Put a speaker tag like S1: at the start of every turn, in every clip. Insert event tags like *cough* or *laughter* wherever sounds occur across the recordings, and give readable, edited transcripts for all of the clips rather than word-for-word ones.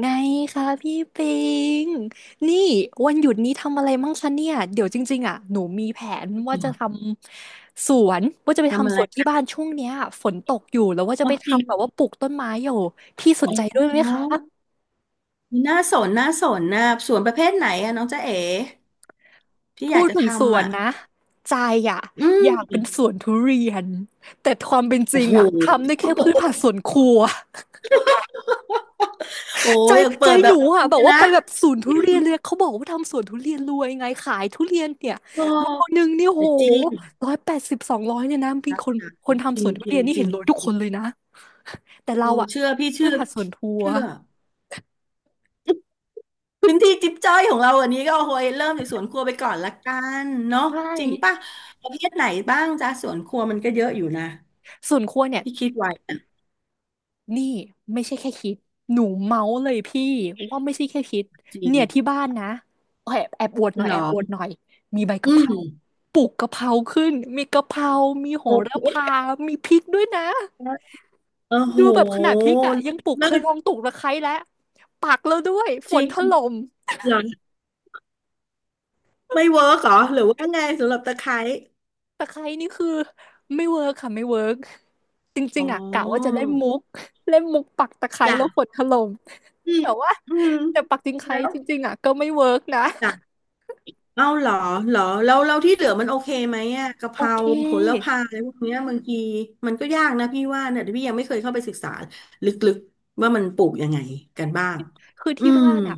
S1: ไงคะพี่ปิงนี่วันหยุดนี้ทำอะไรมั่งคะเนี่ยเดี๋ยวจริงๆอ่ะหนูมีแผนว่า
S2: อ๋
S1: จะ
S2: อ
S1: ทำสวนว่าจะไป
S2: ทำอะ
S1: ทำสวนที่
S2: ไร
S1: บ้านช่วงเนี้ยฝนตกอยู่แล้วว่าจะ
S2: อ๋อ
S1: ไป
S2: จริง
S1: ทำแบบว่าปลูกต้นไม้อยู่พี่สน
S2: อ๋
S1: ใจด้
S2: อ
S1: วยไหมคะ
S2: น่าสนน่าสนนะสวนประเภทไหนอะน้องจ๊ะเอ๋ที่อ
S1: พู
S2: ยาก
S1: ด
S2: จะ
S1: ถึงสว
S2: ทำ
S1: น
S2: อะ
S1: นะใจอ่ะ
S2: อื
S1: อยาก
S2: ม
S1: เป็นสวนทุเรียนแต่ความเป็นจ
S2: โอ้
S1: ริง
S2: โห *laughs*
S1: อ่ะทำได้แค่พืชผักสวนครัว
S2: โอ้
S1: ใจ
S2: ยอยากเปิ
S1: ใจ
S2: ดแบ
S1: หนู
S2: บอลั
S1: อ่ะ
S2: ง
S1: แบ
S2: เล
S1: บ
S2: ย
S1: ว่า
S2: นะ
S1: ไปแบบสวนทุเรียนเลยเขาบอกว่าทำสวนทุเรียนรวยไงขายทุเรียนเนี่ย
S2: โอ้
S1: โลนึงนี่โห
S2: แต่จริง
S1: 180200เนี่ยนะ
S2: ค
S1: มี
S2: รับ
S1: คนค
S2: จริ
S1: น
S2: งจ
S1: ทำ
S2: ริ
S1: สว
S2: ง
S1: นทุ
S2: จริ
S1: เรี
S2: ง
S1: ยนนี่
S2: จ
S1: เห็นรวยทุกค
S2: ริ
S1: นเล
S2: ง
S1: ยนะแต่
S2: เอ
S1: เรา
S2: อ
S1: อ่ะ
S2: เชื่อพี่
S1: คื
S2: เชื่
S1: อ
S2: อ
S1: ผัด
S2: พี่
S1: สวนครัว
S2: เชื่อพื้นที่จิ๊บจ้อยของเราอันนี้ก็โอ้ยเริ่มจากสวนครัวไปก่อนละกันเนาะ
S1: ใช่
S2: จริงป่ะประเภทไหนบ้างจ้ะสวนครัวมันก็เยอะอยู่นะ
S1: ส่วนครัวเนี่ย
S2: ที่คิดไว้อะ
S1: นี่ไม่ใช่แค่คิดหนูเมาส์เลยพี่ว่าไม่ใช่แค่คิด
S2: จริง
S1: เนี่ยที่บ้านนะแอบแอบอวดหน่อย
S2: เหร
S1: แอ
S2: อ
S1: บอวดหน่อยมีใบ
S2: อื
S1: กะเพรา
S2: ม
S1: ปลูกกะเพราขึ้นมีกะเพรามีโห
S2: โอ
S1: ระพา
S2: เค
S1: มีพริกด้วยนะ
S2: โอ้โห
S1: ดูแบบขนาดพริกอ่ะยังปลูกเค
S2: เลิ
S1: ยลอง
S2: ศ
S1: ปลูกตะไคร้แล้วปักแล้วด้วยฝ
S2: จริ
S1: น
S2: ง
S1: ถล่ม
S2: เหรอไม่เวิร์กเหรอหรือว่าไงสำหรับตะไคร้
S1: ตะไคร้นี่คือไม่เวิร์กค่ะไม่เวิร์กจริ
S2: อ๋อ
S1: งๆอ่ะกะว่าจะเล่นมุกเล่นมุกปักตะไคร้
S2: จ้ะ
S1: แล้วฝนถล่ม
S2: อืม
S1: แต่ว่า
S2: อืม
S1: แต่ปักตะไคร้
S2: แล้ว
S1: จริงๆอ่ะก็ไม่เวิร์กนะ
S2: จ้ะเอ้าเหรอเหรอแล้วเราที่เหลือมันโอเคไหมอ่ะกะเพ
S1: โอ
S2: รา
S1: เค
S2: โหระพาอะไรพวกเนี้ยบางทีมันก็ยากนะพี่ว่าเนี่ยพี่ยังไม่เคยเข้าไปศึกษาลึกๆว่ามันปลูกยังไงกันบ้าง
S1: คือ
S2: อื
S1: ที่
S2: ม
S1: บ้านอ่ะ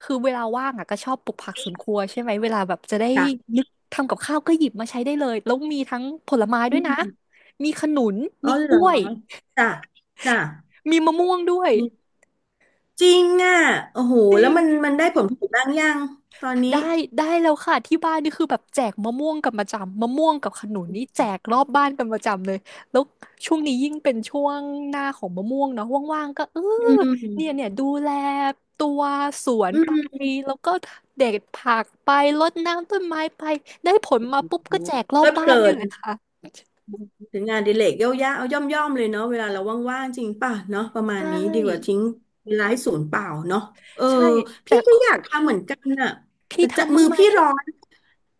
S1: คือเวลาว่างอ่ะก็ชอบปลูกผักสวนครัวใช่ไหมเวลาแบบจะได้
S2: จ้ะ
S1: นึกทำกับข้าวก็หยิบมาใช้ได้เลยแล้วมีทั้งผลไม้
S2: อื
S1: ด้วยนะ
S2: ม
S1: มีขนุน
S2: อ๋อ
S1: มีก
S2: เหรอ
S1: ล้วย
S2: จ้ะจ้ะ
S1: มีมะม่วงด้วย
S2: จริงอ่ะโอ้โห
S1: จ
S2: แล้
S1: ริ
S2: ว
S1: ง
S2: มันได้ผลผลิตบ้างยัง ตอนนี้
S1: ได้ได้แล้วค่ะ ที่บ้านนี่คือแบบแจกมะม่วงกันประจำมะม่วงกับขนุนนี่แจกรอบบ้านกันประจำเลยแล้วช่วงนี้ยิ่งเป็นช่วงหน้าของมะม่วงเนาะว่างๆก็เออ
S2: อื
S1: เนี่ย
S2: ม
S1: เนี่ยดูแลตัวสวน
S2: อื
S1: ไป
S2: ม
S1: แล้วก็เด็ดผักไปรดน้ำต้นไม้ไปได้ผลมา
S2: โอ้
S1: ปุ๊บ
S2: โห
S1: ก็แจกร
S2: เพ
S1: อ
S2: ลิ
S1: บ
S2: ดเพ
S1: บ้าน
S2: ลิ
S1: เนี่ย
S2: น
S1: แหละค่ะ
S2: ถึงงานอดิเรกย่อยๆเอาย่อมๆเลยเนาะเวลาเราว่างๆจริงป่ะเนาะประ
S1: ใช
S2: มาณนี้ดีกว่า
S1: ่
S2: ทิ้งเวลาให้ศูนย์เปล่าเนาะเออ
S1: ใช่ แต่
S2: พี่ก็อยากทำเหมือนกันอ่ะ
S1: พี่
S2: แต่จะ
S1: ทำ
S2: มื
S1: บ้าง
S2: อ
S1: ไหม
S2: พี่ร้อน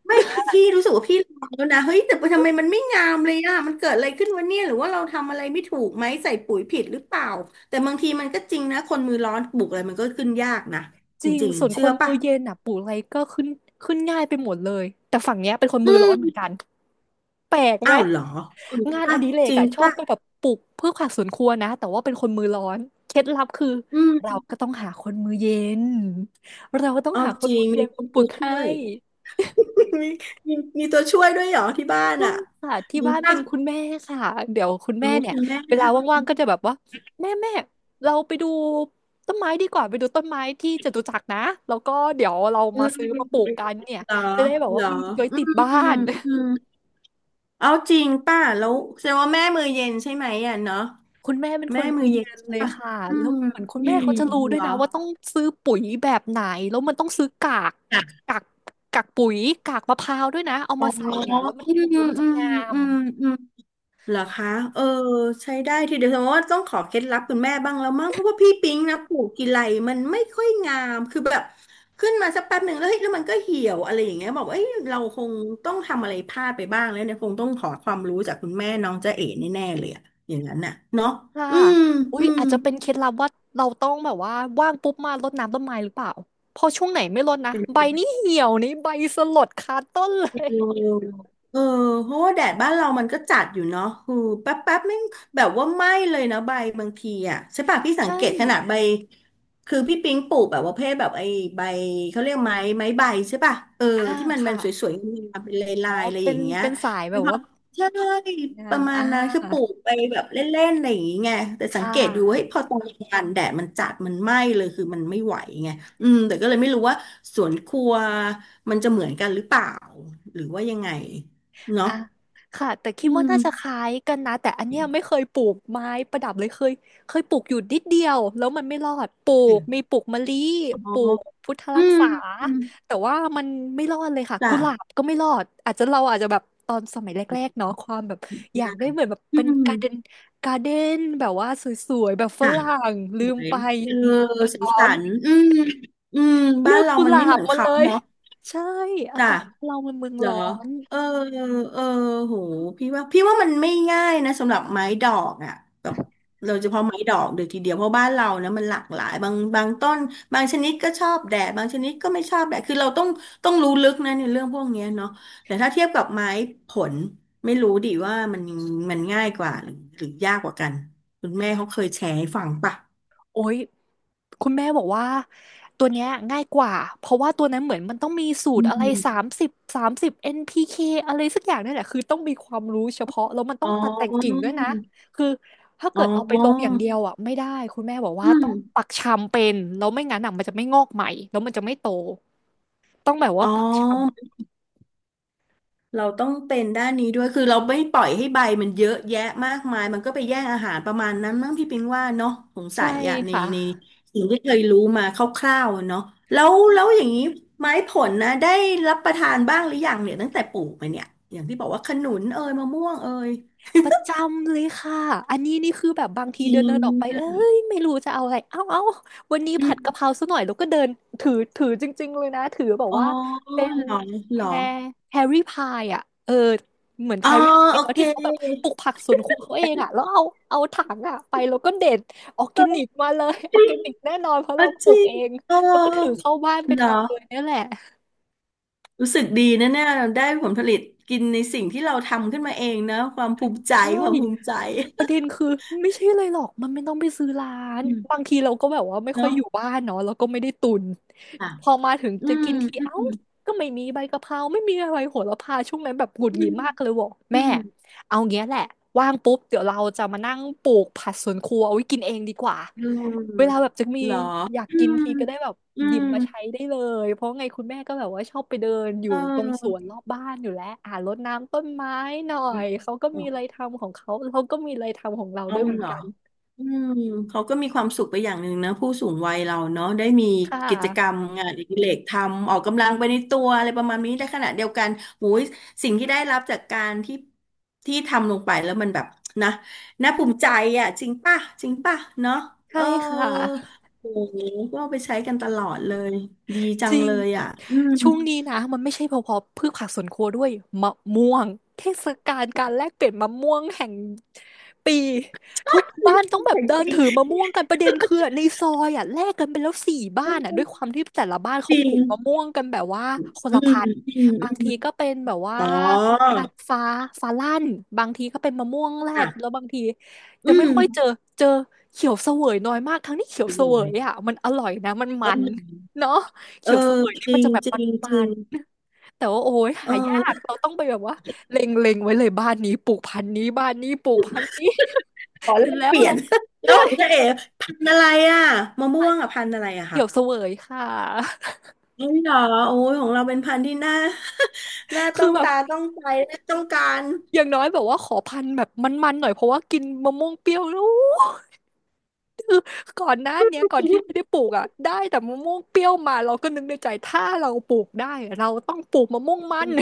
S2: ไม่พี่รู้สึกว่าพี่ลองแล้วนะเฮ้ยแต่ทำไมมันไม่งามเลยอ่ะมันเกิดอะไรขึ้นวะเนี่ยหรือว่าเราทำอะไรไม่ถูกไหมใส่ปุ๋ยผิดหรือเปล่าแต่บางทีมันก็จริงนะคนมือร้อนปลูกอะไรมันก็ขึ้นยากนะ
S1: จ
S2: จ
S1: ริง
S2: ริง
S1: ส่วน
S2: ๆ
S1: ค
S2: เชื่อ
S1: นมื
S2: ป่ะ
S1: อเย็นอ่ะปลูกอะไรก็ขึ้นขึ้นง่ายไปหมดเลยแต่ฝั่งเนี้ยเป็นคน
S2: อื
S1: มือร้อนเหมือ
S2: ม
S1: นกัน แปลกไห
S2: อ้า
S1: ม
S2: วเหรอจริง
S1: งานอ
S2: ป่ะ
S1: ดิเร
S2: จ
S1: ก
S2: ริง
S1: อะชอบ
S2: ป่ะ
S1: ไปแบบปลูกพืชผักสวนครัวนะแต่ว่าเป็นคนมือร้อนเคล็ดลับคือ
S2: อื
S1: เรา
S2: ม
S1: ก็ต้องหาคนมือเย็นเราก็ต้อง
S2: เอา
S1: หาค
S2: จ
S1: น
S2: ริ
S1: มื
S2: ง
S1: อเย็
S2: มี
S1: นมาปลู
S2: ตัว
S1: ก
S2: ช่
S1: ให้
S2: วย *laughs* มีมีมีตัวช่วยด้วยเหรอที่บ้านอ่ะ
S1: ค่ะที่
S2: มี
S1: บ้านเป็
S2: ป่ะ
S1: นคุณแม่ค่ะเดี๋ยวคุณ
S2: อ๋อ
S1: แม่เนี่ย
S2: คุณแม่
S1: เว
S2: ท
S1: ลาว่างๆ
S2: ำ
S1: ก็จะแบบว่าแม่แม่เราไปดูต้นไม้ดีกว่าไปดูต้นไม้ที่จตุจักรนะแล้วก็เดี๋ยวเรา
S2: เ
S1: มาซื้อมาปลูก
S2: ออ
S1: กันเนี่ย
S2: เหรอ
S1: จะได้แบบ
S2: เหร
S1: ว่า
S2: อ
S1: มีไว้
S2: อื
S1: ติดบ้า
S2: ม
S1: น
S2: อืม เอาจริงป่ะแล้วแสดงว่าแม่มือเย็นใช่ไหมอ่ะเนาะ
S1: คุณแม่เป็นค
S2: แม่
S1: นมื
S2: มื
S1: อ
S2: อ
S1: เย็
S2: เย็น
S1: น
S2: ใช่
S1: เลย
S2: ป่ะ
S1: ค่ะ
S2: อื
S1: แล้ว
S2: ม
S1: เหมือนคุณ
S2: อื
S1: แม่
S2: ม
S1: เขาจะรู้
S2: เห
S1: ด้
S2: ร
S1: วย
S2: อ
S1: นะว่าต้องซื้อปุ๋ยแบบไหน แล้วมันต้องซื้อกาก
S2: ค่ะ
S1: กากกากปุ๋ยกากมะพร้าวด้วยนะ เอา
S2: อ๋อ
S1: มา
S2: อื
S1: ใส่เนี่ยแล้วมันปลูก
S2: ม
S1: แล้วมัน
S2: อื
S1: จะ
S2: ม
S1: งา
S2: อื
S1: ม
S2: มอืมเหรอคะเออใช้ได้ทีเดียวแสดงว่าต้องขอเคล็ดลับคุณแม่บ้างแล้วมั้งเพราะว่าพี่ปิ๊งนะปลูกกี่ไรมันไม่ค่อยงามคือแบบขึ้นมาสักแป๊บหนึ่งแล้วเฮ้ยแล้วมันก็เหี่ยวอะไรอย่างเงี้ยบอกเอ้ยเราคงต้องทำอะไรพลาดไปบ้างแล้วเนี่ยคงต้องขอความรู้จากคุณแม่น้องจ๊ะเอ๋แน่ๆเลยอะอย่างนั้นน่ะเนาะ
S1: ค่ะ
S2: อืม
S1: อุ๊
S2: อื
S1: ย
S2: ม
S1: อาจจะเป็นเคล็ดลับว่าเราต้องแบบว่าว่างปุ๊บมารดน้ำต้นไม้หรือเปล่าพอช่วงไหนไม่รดนะใบนี่เหี่ยวนี่ใบสลดคาต้นเล
S2: เออ
S1: ย
S2: เออเพราะว่าแดดบ้านเรามันก็จัดอยู่เนาะคือแป๊บแป๊บไม่งแบบว่าไหม้เลยนะใบบางทีอ่ะใช่ป่ะพี่สัง
S1: ใช่
S2: เกตขนาดใบคือพี่ปิ๊งปลูกแบบว่าเพศแบบไอ้ใบเขาเรียกไม้ใบใช่ป่ะเออ
S1: อ่า
S2: ที่มันมั
S1: ค่ะ
S2: นสวยๆงามๆเป็นล
S1: อ๋
S2: า
S1: อ
S2: ยๆอะไรอ
S1: เป็น
S2: ย่างเงี้ย
S1: เป็นสายแบ
S2: นะ
S1: บ
S2: ครั
S1: ว่า
S2: บใช่ป
S1: งา
S2: ระ
S1: ม
S2: มาณ
S1: อ่า
S2: นั้นคือปลูกไปแบบเล่นๆอะไรอย่างเงี้ยแต่สั
S1: ค่
S2: งเกตดูเฮ้ย
S1: ะ
S2: พอตอนกลางวันแดดมันจัดมันไหม้เลยคือมันไม่ไหวไงอืมแต่ก็เลยไม่รู้ว่าสวนครัว มันจะเหมือนกันหรือเปล่าหรือว่ายังไงเนาะ
S1: อ่ะค่ะแต่คิ
S2: อื
S1: ดว่า
S2: ม
S1: น่าจะคล้ายกันนะแต่อันเนี้ยไม่เคยปลูกไม้ประดับเลยเคยปลูกอยู่นิดเดียวแล้วมันไม่รอดปลูกมีปลูกมะลิ
S2: อ๋
S1: ปลู
S2: อ
S1: กพุทธ
S2: อื
S1: รัก
S2: ม
S1: ษาแต่ว่ามันไม่รอดเลยค่ะ
S2: จ้ะ
S1: กุหลาบก็ไม่รอดอาจจะเราอาจจะแบบตอนสมัยแรกๆเนาะความแบบอยากได้เหมือนแบบ
S2: อื
S1: เป็น
S2: ม
S1: การ์เดนการ์เดนแบบว่าสวยๆแบบฝ
S2: จ้ะ
S1: รั่ง
S2: ส
S1: ลื
S2: ว
S1: ม
S2: ย
S1: ไป
S2: เออ
S1: เมือง
S2: สี
S1: ร้อ
S2: สั
S1: น
S2: นอืมอืม
S1: เลื
S2: บ้าน
S1: อก
S2: เรา
S1: กุ
S2: มั
S1: ห
S2: น
S1: ลา
S2: ไม่เหมื
S1: บ
S2: อน
S1: มา
S2: เขา
S1: เลย
S2: เนาะ
S1: ใช่อา
S2: จ้ะ
S1: กาศเรามันเมือง
S2: เหรอ
S1: ร้อน
S2: เออ เออโหพี่ว่ามันไม่ง่ายนะสำหรับไม้ดอกอ่ะแบบเราเฉพาะไม้ดอกเดี๋ยวทีเดียวเพราะบ้านเรานะมันหลากหลายบางต้นบางชนิดก็ชอบแดดบางชนิดก็ไม่ชอบแดดคือเราต้องรู้ลึกนะในเรื่องพวกเนี้ยเนาะแต่ถ้าเทียบกับไม้ผลไม่รู้ดิว่ามันมันง่ายกว่าหรือหรือยากกว่ากันคุณแม่เขาเคยแชร์ให้ฟังป่ะ
S1: โอ้ย คุณแม่บอกว่าตัวเนี้ยง่ายกว่าเพราะว่าตัวนั้นเหมือนมันต้องมีสู
S2: อื
S1: ตรอะไร
S2: ม
S1: สามสิบสามสิบ NPK อนพีเคอะไรสักอย่างนี่แหละคือต้องมีความรู้เฉพาะแล้วมันต้อ
S2: อ๋อ
S1: งตัดแต่งกิ่งด้วยนะคือถ้า
S2: อ๋
S1: เกิดเอาไปลงอย่า
S2: อ
S1: งเดียวอ่ะไม่ได้คุณแม่บอก
S2: อื
S1: ว่าต้
S2: ม
S1: องปักชำเป็นแล้วไม่งั้นอ่ะมันจะไม่งอกใหม่แล้วมันจะไม่โตต้องแบบว่า
S2: อ๋อ
S1: ปักช
S2: เราต้องเป็นด้านนี้ด้วย คือเราไม่ปล่อยให้ใบมันเยอะแยะมากมาย มันก็ไปแย่งอาหารประมาณนั้นมั้งพี่ปิงว่าเนาะสง
S1: ำ
S2: สั
S1: ใช่
S2: ยอ่ะใน
S1: ค่ะ
S2: ในสิ่งที่เคยรู้มาคร่าวๆอะเนาะแล้วอย่างนี้ไม้ผลนะได้รับประทานบ้างหรือยังเนี่ยตั้งแต่ปลูกมาเนี่ยอย่างที่บอกว่าขนุนเอยมะม่วงเอย
S1: ประจำเลยค่ะอันนี้นี่คือแบบบางที
S2: จริ
S1: เดินเดิ
S2: ง
S1: นออกไปเอ้ยไม่รู้จะเอาอะไรเอ้าเอ้าวันนี้
S2: อ
S1: ผัดกะ
S2: ม
S1: เพราซะหน่อยแล้วก็เดินถือจริงๆเลยนะถือแบบ
S2: อ๋อ
S1: ว่าเป็น
S2: เหรอ
S1: แพ
S2: เหรอ
S1: รแพรรี่พายอ่ะเออเหมือนแพ
S2: อ๋อ
S1: รรี่พาย
S2: โอ
S1: เนาะ
S2: เค
S1: ที่เขาแบบปลูกผักสวนครัวเขาเองอ่ะแล้วเอาถังอ่ะไปแล้วก็เด็ดออร์แกนิกมาเลยอ
S2: จ
S1: อร์
S2: ริ
S1: แก
S2: ง
S1: นิกแน่นอนเพราะ
S2: อ๋อ
S1: เราป
S2: จ
S1: ลู
S2: ริ
S1: ก
S2: ง
S1: เอง
S2: เอ๋อ
S1: แล้วก็ถือเข้าบ้านไป
S2: เหรอ
S1: ทำเลยเนี่ยแหละ
S2: รู้สึกดีนะเนี่ยได้ผลผลิตกินในสิ่งที่เราทำขึ้นมาเองนะความภูมิใจ
S1: ใช่
S2: ความภูมิใจ
S1: ประเด็นคือไม่ใช่เลยหรอกมันไม่ต้องไปซื้อร้าน
S2: อืม
S1: บางทีเราก็แบบว่าไม่ค่อย
S2: เนาะ
S1: อยู่บ้านเนาะเราก็ไม่ได้ตุน
S2: ค่ะ
S1: พอมาถึง
S2: อื
S1: จะ
S2: ม
S1: กินที
S2: อื
S1: เอ้า
S2: ม
S1: ก็ไม่มีใบกะเพราไม่มีอะไรโหระพาช่วงนั้นแบบหงุด
S2: อื
S1: หงิด
S2: ม
S1: มากเลยบอก
S2: อื
S1: แม่
S2: ม
S1: เอาเงี้ยแหละว่างปุ๊บเดี๋ยวเราจะมานั่งปลูกผักสวนครัวเอาไว้กินเองดีกว่า
S2: เ
S1: เว
S2: ออ
S1: ลาแบบจะมี
S2: เหรอ
S1: อยาก
S2: อื
S1: กิน
S2: ม
S1: ทีก็ได้แบบ
S2: อื
S1: หยิบ
S2: ม
S1: มาใช้ได้เลยเพราะไงคุณแม่ก็แบบว่าชอบไปเดินอ
S2: เ
S1: ยู่ตรงสว
S2: ออ
S1: นรอบบ้านอยู่แล้วรดน้ำต้นไม้หน่อยเขาก็มีอะไรทำของเขาเราก็มีอะไรทำของเราด้
S2: เอา
S1: วยเหมือ
S2: เห
S1: น
S2: รอ
S1: กัน
S2: อืมเขาก็มีความสุขไปอย่างหนึ่งนะผู้สูงวัยเราเนาะได้มี
S1: ค่
S2: กิจกรรม
S1: ะ
S2: งานอดิเรกทำออกกำลังไปในตัวอะไรประมาณนี้ได้ขณะเดียวกันหูยสิ่งที่ได้รับจากการที่ที่ทำลงไปแล้วมันแบบนะน่าภูมิใจอ่ะจริงป่ะจริงป่ะเนาะเอ
S1: ใช่
S2: อ
S1: ค่ะ
S2: โอ้โหก็เอาไปใช้กันตลอดเลยดีจั
S1: จ
S2: ง
S1: ริง
S2: เลยอ่ะอืม
S1: ช่วงนี้นะมันไม่ใช่เฉพาะพืชผักสวนครัวด้วยมะม่วงเทศกาลการแลกเปลี่ยนมะม่วงแห่งปีทุกบ้านต้องแบบเดินถือมะม่วงกันประเด็นคือในซอยแลกกันไปแล้วสี่บ้านด้วยความที่แต่ละบ้าน
S2: *laughs* จ
S1: เขา
S2: ริ
S1: ปลูกมะ
S2: ง
S1: ม่วงกันแบบว่าคน
S2: อื
S1: ละ
S2: ม
S1: พันธุ์
S2: อืม
S1: บาง
S2: อื
S1: ที
S2: ม
S1: ก็เป็นแบบว่า
S2: อ๋อ
S1: พันธุ์ฟ้าฟ้าลั่นบางทีก็เป็นมะม่วงแรด
S2: อ่ะ
S1: แล้วบางที
S2: อื
S1: จะไม่ค่อยเจอ
S2: ม
S1: เจอเขียวเสวยน้อยมากทั้งที่เขียวเสว
S2: ดี
S1: ย
S2: เ
S1: มันอร่อยนะมัน
S2: ล
S1: มั
S2: ย
S1: นเนาะ
S2: เอ
S1: เขี
S2: อ
S1: ยวเสวย
S2: จ
S1: นี่
S2: ริ
S1: มัน
S2: ง
S1: จะแบบ
S2: จริงจ
S1: มั
S2: ริง
S1: นๆแต่ว่าโอ้ย
S2: เอ
S1: หา
S2: อ
S1: ยา
S2: แล้
S1: ก
S2: ว
S1: เราต้องไปแบบว่าเล็งไว้เลยบ้านนี้ปลูกพันธุ์นี้บ้านนี้ปลูกพันธุ์นี้
S2: ขอ
S1: เส
S2: แล
S1: ร็จ
S2: ก
S1: แล้
S2: เป
S1: ว
S2: ลี่ย
S1: เรา
S2: น *laughs* แล้
S1: ได้
S2: วของเจ๊เอ๋พันธุ์อะไรอ่ะมะม่วงอ่ะพันธุ์อะไรอะ
S1: เขี
S2: คะ
S1: ยวเสวยค่ะ
S2: เอ้หรอโอ้ยของเราเป็นพันธุ์ที่น่า *laughs* น่าต้
S1: คื
S2: อ
S1: อ
S2: ง
S1: แบบ
S2: ตาต้องใจและต้องการ
S1: อย่างน้อยแบบว่าขอพันธุ์แบบมันๆหน่อยเพราะว่ากินมะม่วงเปรี้ยวแล้วก่อนหน้าเนี้ย
S2: *laughs*
S1: ก่อน
S2: ชี
S1: ที่
S2: วิ
S1: ไม่
S2: ต
S1: ได้ปลูกได้แต่มะม่วงเปรี้ยวมาเราก็นึกในใจถ้าเราปลูกได้อะเราต้องปลูกมะม่วงมั
S2: อื
S1: น
S2: ม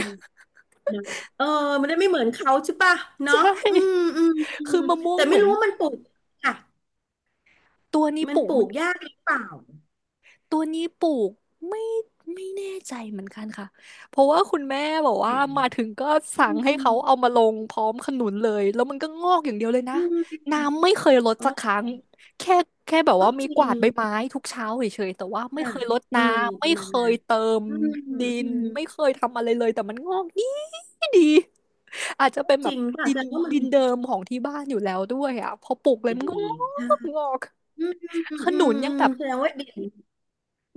S2: นะเออมันได้ไม่เหมือนเขาใช่ป่ะ
S1: *laughs*
S2: เนาะ
S1: ใช่
S2: อืมอืมอืม
S1: คือมะม่ว
S2: แต่
S1: งเห
S2: ไม่
S1: มือน
S2: รู้ว่ามันปลูกค่ะ
S1: ตัวนี้
S2: มัน
S1: ปลู
S2: ป
S1: ก
S2: ลู
S1: มัน
S2: กยากหรือเปล่า
S1: ตัวนี้ปลูกไม่ไม่แน่ใจเหมือนกันค่ะเพราะว่าคุณแม่บอกว่ามาถึงก็
S2: อื
S1: สั่งให้
S2: ม
S1: เขาเอามาลงพร้อมขนุนเลยแล้วมันก็งอกอย่างเดียวเลยนะ
S2: อืม
S1: น้ำไม่เคยลด
S2: อ๋
S1: สั
S2: อ
S1: กครั้งแค่แค่แบบ
S2: อ๋อ
S1: ว่ามี
S2: จริ
S1: กวา
S2: ง
S1: ดใบไม้ทุกเช้าเฉยๆแต่ว่าไม่
S2: ค่ะ
S1: เคยลด
S2: เออ
S1: น้ำ
S2: ป
S1: ไม่
S2: ระมา
S1: เค
S2: ณนั้
S1: ย
S2: น
S1: เติม
S2: อืม
S1: ดิ
S2: อื
S1: น
S2: ม
S1: ไม่เคยทำอะไรเลยแต่มันงอกดีดีอาจจะเป็น
S2: จ
S1: แบ
S2: ริ
S1: บ
S2: งป่ะ
S1: ดิ
S2: แส
S1: น
S2: ดงว่ามัน
S1: ดินเดิมของที่บ้านอยู่แล้วด้วยพอปลูกเลย
S2: จะ
S1: มันก็
S2: ดีใช่
S1: งอก
S2: อืมอืมอืม
S1: ข
S2: อื
S1: นุ
S2: ม
S1: นยัง
S2: อื
S1: แบ
S2: ม
S1: บ
S2: แสดงว่าดิน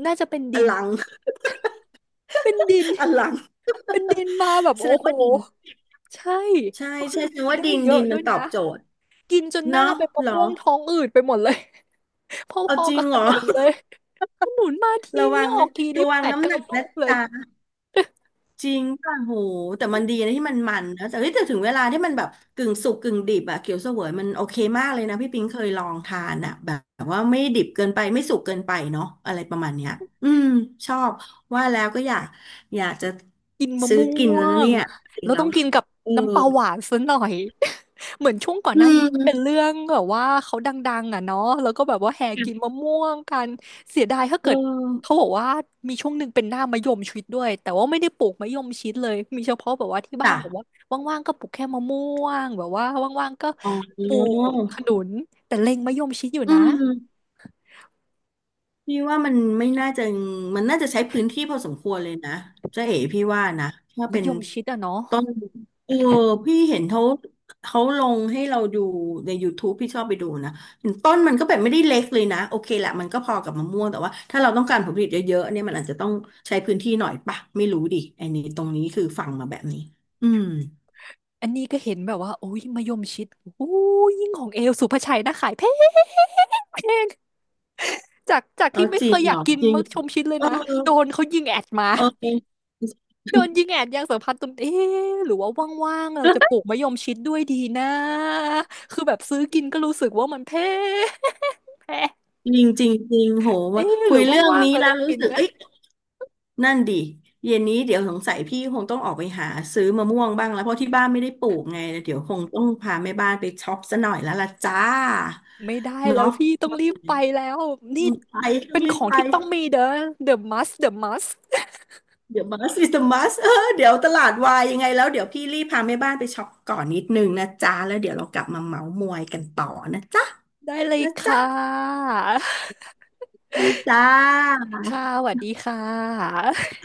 S1: น่าจะเป็น
S2: อ
S1: ดิน
S2: ลัง
S1: เป็นดิน
S2: *laughs* อลัง
S1: เป็นดินมาแบบ
S2: แส
S1: โอ้
S2: ดง
S1: โห
S2: ว่าดิน
S1: ใช่
S2: ใช่
S1: แล้วข
S2: ใช่
S1: นม
S2: แสดง
S1: คือ
S2: ว่า
S1: ได้
S2: ดิน
S1: เย
S2: ดิ
S1: อะ
S2: น
S1: ด้
S2: มั
S1: ว
S2: น
S1: ย
S2: ตอ
S1: นะ
S2: บโจทย์
S1: กินจนหน้า
S2: เนาะ
S1: เป็นมะ
S2: เหรอ
S1: ม่วงท้องอืดไปหมดเลย *laughs* พ
S2: เอา
S1: อ
S2: จ
S1: ๆ
S2: ริ
S1: กั
S2: ง
S1: บ
S2: เห
S1: ข
S2: รอ
S1: นุนเลยขนุนมา
S2: *laughs*
S1: ที
S2: ระ
S1: นี่
S2: วัง
S1: ออก
S2: นะ
S1: ทีนี่
S2: ระวั
S1: แป
S2: ง
S1: ด
S2: น้ำห
S1: เก้า
S2: นัก
S1: ลู
S2: นะ
S1: กเลย
S2: จ๊ะ จริงป่ะโหแต่มันดีนะที่มันนะแต่เฮ้ยแต่ถึงเวลาที่มันแบบกึ่งสุกกึ่งดิบอะเขียวเสวยมันโอเคมากเลยนะพี่ปิงเคยลองทานอะแบบว่าไม่ดิบเกินไปไม่สุกเกินไปเนาะอะไรประมาณเนี้ยอืมชอบว่าแล้วก็อยากจะ
S1: กินมะ
S2: ซื้อ
S1: ม่
S2: กิน
S1: ว
S2: แล้วนะ
S1: ง
S2: เนี่ยจริง
S1: แล้ว
S2: แล้
S1: ต้อ
S2: ว
S1: งกินกับ
S2: เออ
S1: น้ำปลาหวานซะหน่อย *laughs* เหมือนช่วงก่อน
S2: อื
S1: หน้านี้ที่เป็น
S2: ม
S1: เรื่องแบบว่าเขาดังๆเนาะแล้วก็แบบว่าแห่กินมะม่วงกันเสียดายถ้า
S2: เออ
S1: เกิดเขาบอกว่ามีช่วงหนึ่งเป็นหน้ามะยมชิดด้วยแต่ว่าไม่ได้ปลูกมะยมชิดเลยมีเฉพาะแบบว่าที่บ้าน
S2: จ้ะ
S1: แบบว่าว่างๆก็ปลูกแค่มะม่วงแบบว่าว่างๆก็
S2: อ๋
S1: ปลู
S2: อ
S1: กขนุนแต่เล็งมะยมชิดอยู่
S2: อื
S1: นะ
S2: ม พี่ว่ามันไม่น่าจะมันน่าจะใช้พื้นที่พอสมควรเลยนะเจ๊เอ๋พี่ว่านะถ้า
S1: มะ
S2: เป็น
S1: ยมชิดเนาะ
S2: ต้นเออพี่เห็นเขาเขาลงให้เราดูใน YouTube พี่ชอบไปดูนะเห็นต้นมันก็แบบไม่ได้เล็กเลยนะโอเคแหละมันก็พอกับมะม่วงแต่ว่าถ้าเราต้องการผลผลิตเยอะๆเนี่ยมันอาจจะต้องใช้พื้นที่หน่อยปะไม่รู้ดิไอ้นี่ตรงนี้คือฟังมาแบบนี้อืม
S1: อันนี้ก็เห็นแบบว่าโอ้ยมะยมชิดโอ้ยยิ่งของเอลสุภาชัยนะขายแพงแพงจาก
S2: เออ
S1: ที่ไม่
S2: จ
S1: เค
S2: ริง
S1: ยอ
S2: เหร
S1: ยาก
S2: อ
S1: กิน
S2: จริง
S1: มะยมชิดเลย
S2: เออ
S1: นะโดนเขายิงแอดมา
S2: เออ *laughs*
S1: โดนยิงแอดยางสัมพันธ์ตนเอ๊ะหรือว่าว่างๆเราจะปลูกมะยมชิดด้วยดีนะคือแบบซื้อกินก็รู้สึกว่ามันแพงแพง
S2: จริงจริงจริงโหว่า
S1: เอ๊ะห
S2: คุ
S1: รื
S2: ย
S1: อ
S2: เรื่อง
S1: ว่างๆ
S2: นี้
S1: เรา
S2: แล้
S1: จะ
S2: วรู้
S1: กิน
S2: สึก
S1: นะ
S2: เอ้ย นั่นดิเย็นนี้เดี๋ยวสงสัยพี่คงต้องออกไปหาซื้อมะม่วงบ้างแล้วเพราะที่บ้านไม่ได้ปลูกไงเดี๋ยวคงต้องพาแม่บ้านไปช็อปซะหน่อยแล้วล่ะจ้า
S1: ไม่ได้แล้
S2: เนาะ
S1: วพี่ต้อง
S2: ว่า
S1: รี
S2: ไง
S1: บไปแล้วนี่
S2: อืมไปต้อ
S1: เป็
S2: ง
S1: น
S2: รี
S1: ข
S2: บ
S1: อง
S2: ไป
S1: ที่ต้องมีเด้อ The must The must
S2: เดี๋ยวบัสอิสมัสเออเดี๋ยวตลาดวายยังไงแล้วเดี๋ยวพี่รีบพาแม่บ้านไปช็อปก่อนนิดนึงนะจ้าแล้วเดี๋ยวเรากลับมาเมาท์มอยกันต่อนะจ๊ะ
S1: ได้เลย
S2: นะ
S1: ค่
S2: จ๊ะ
S1: ะ
S2: ดีจ้า
S1: ค่ะสวัสดีค่ะ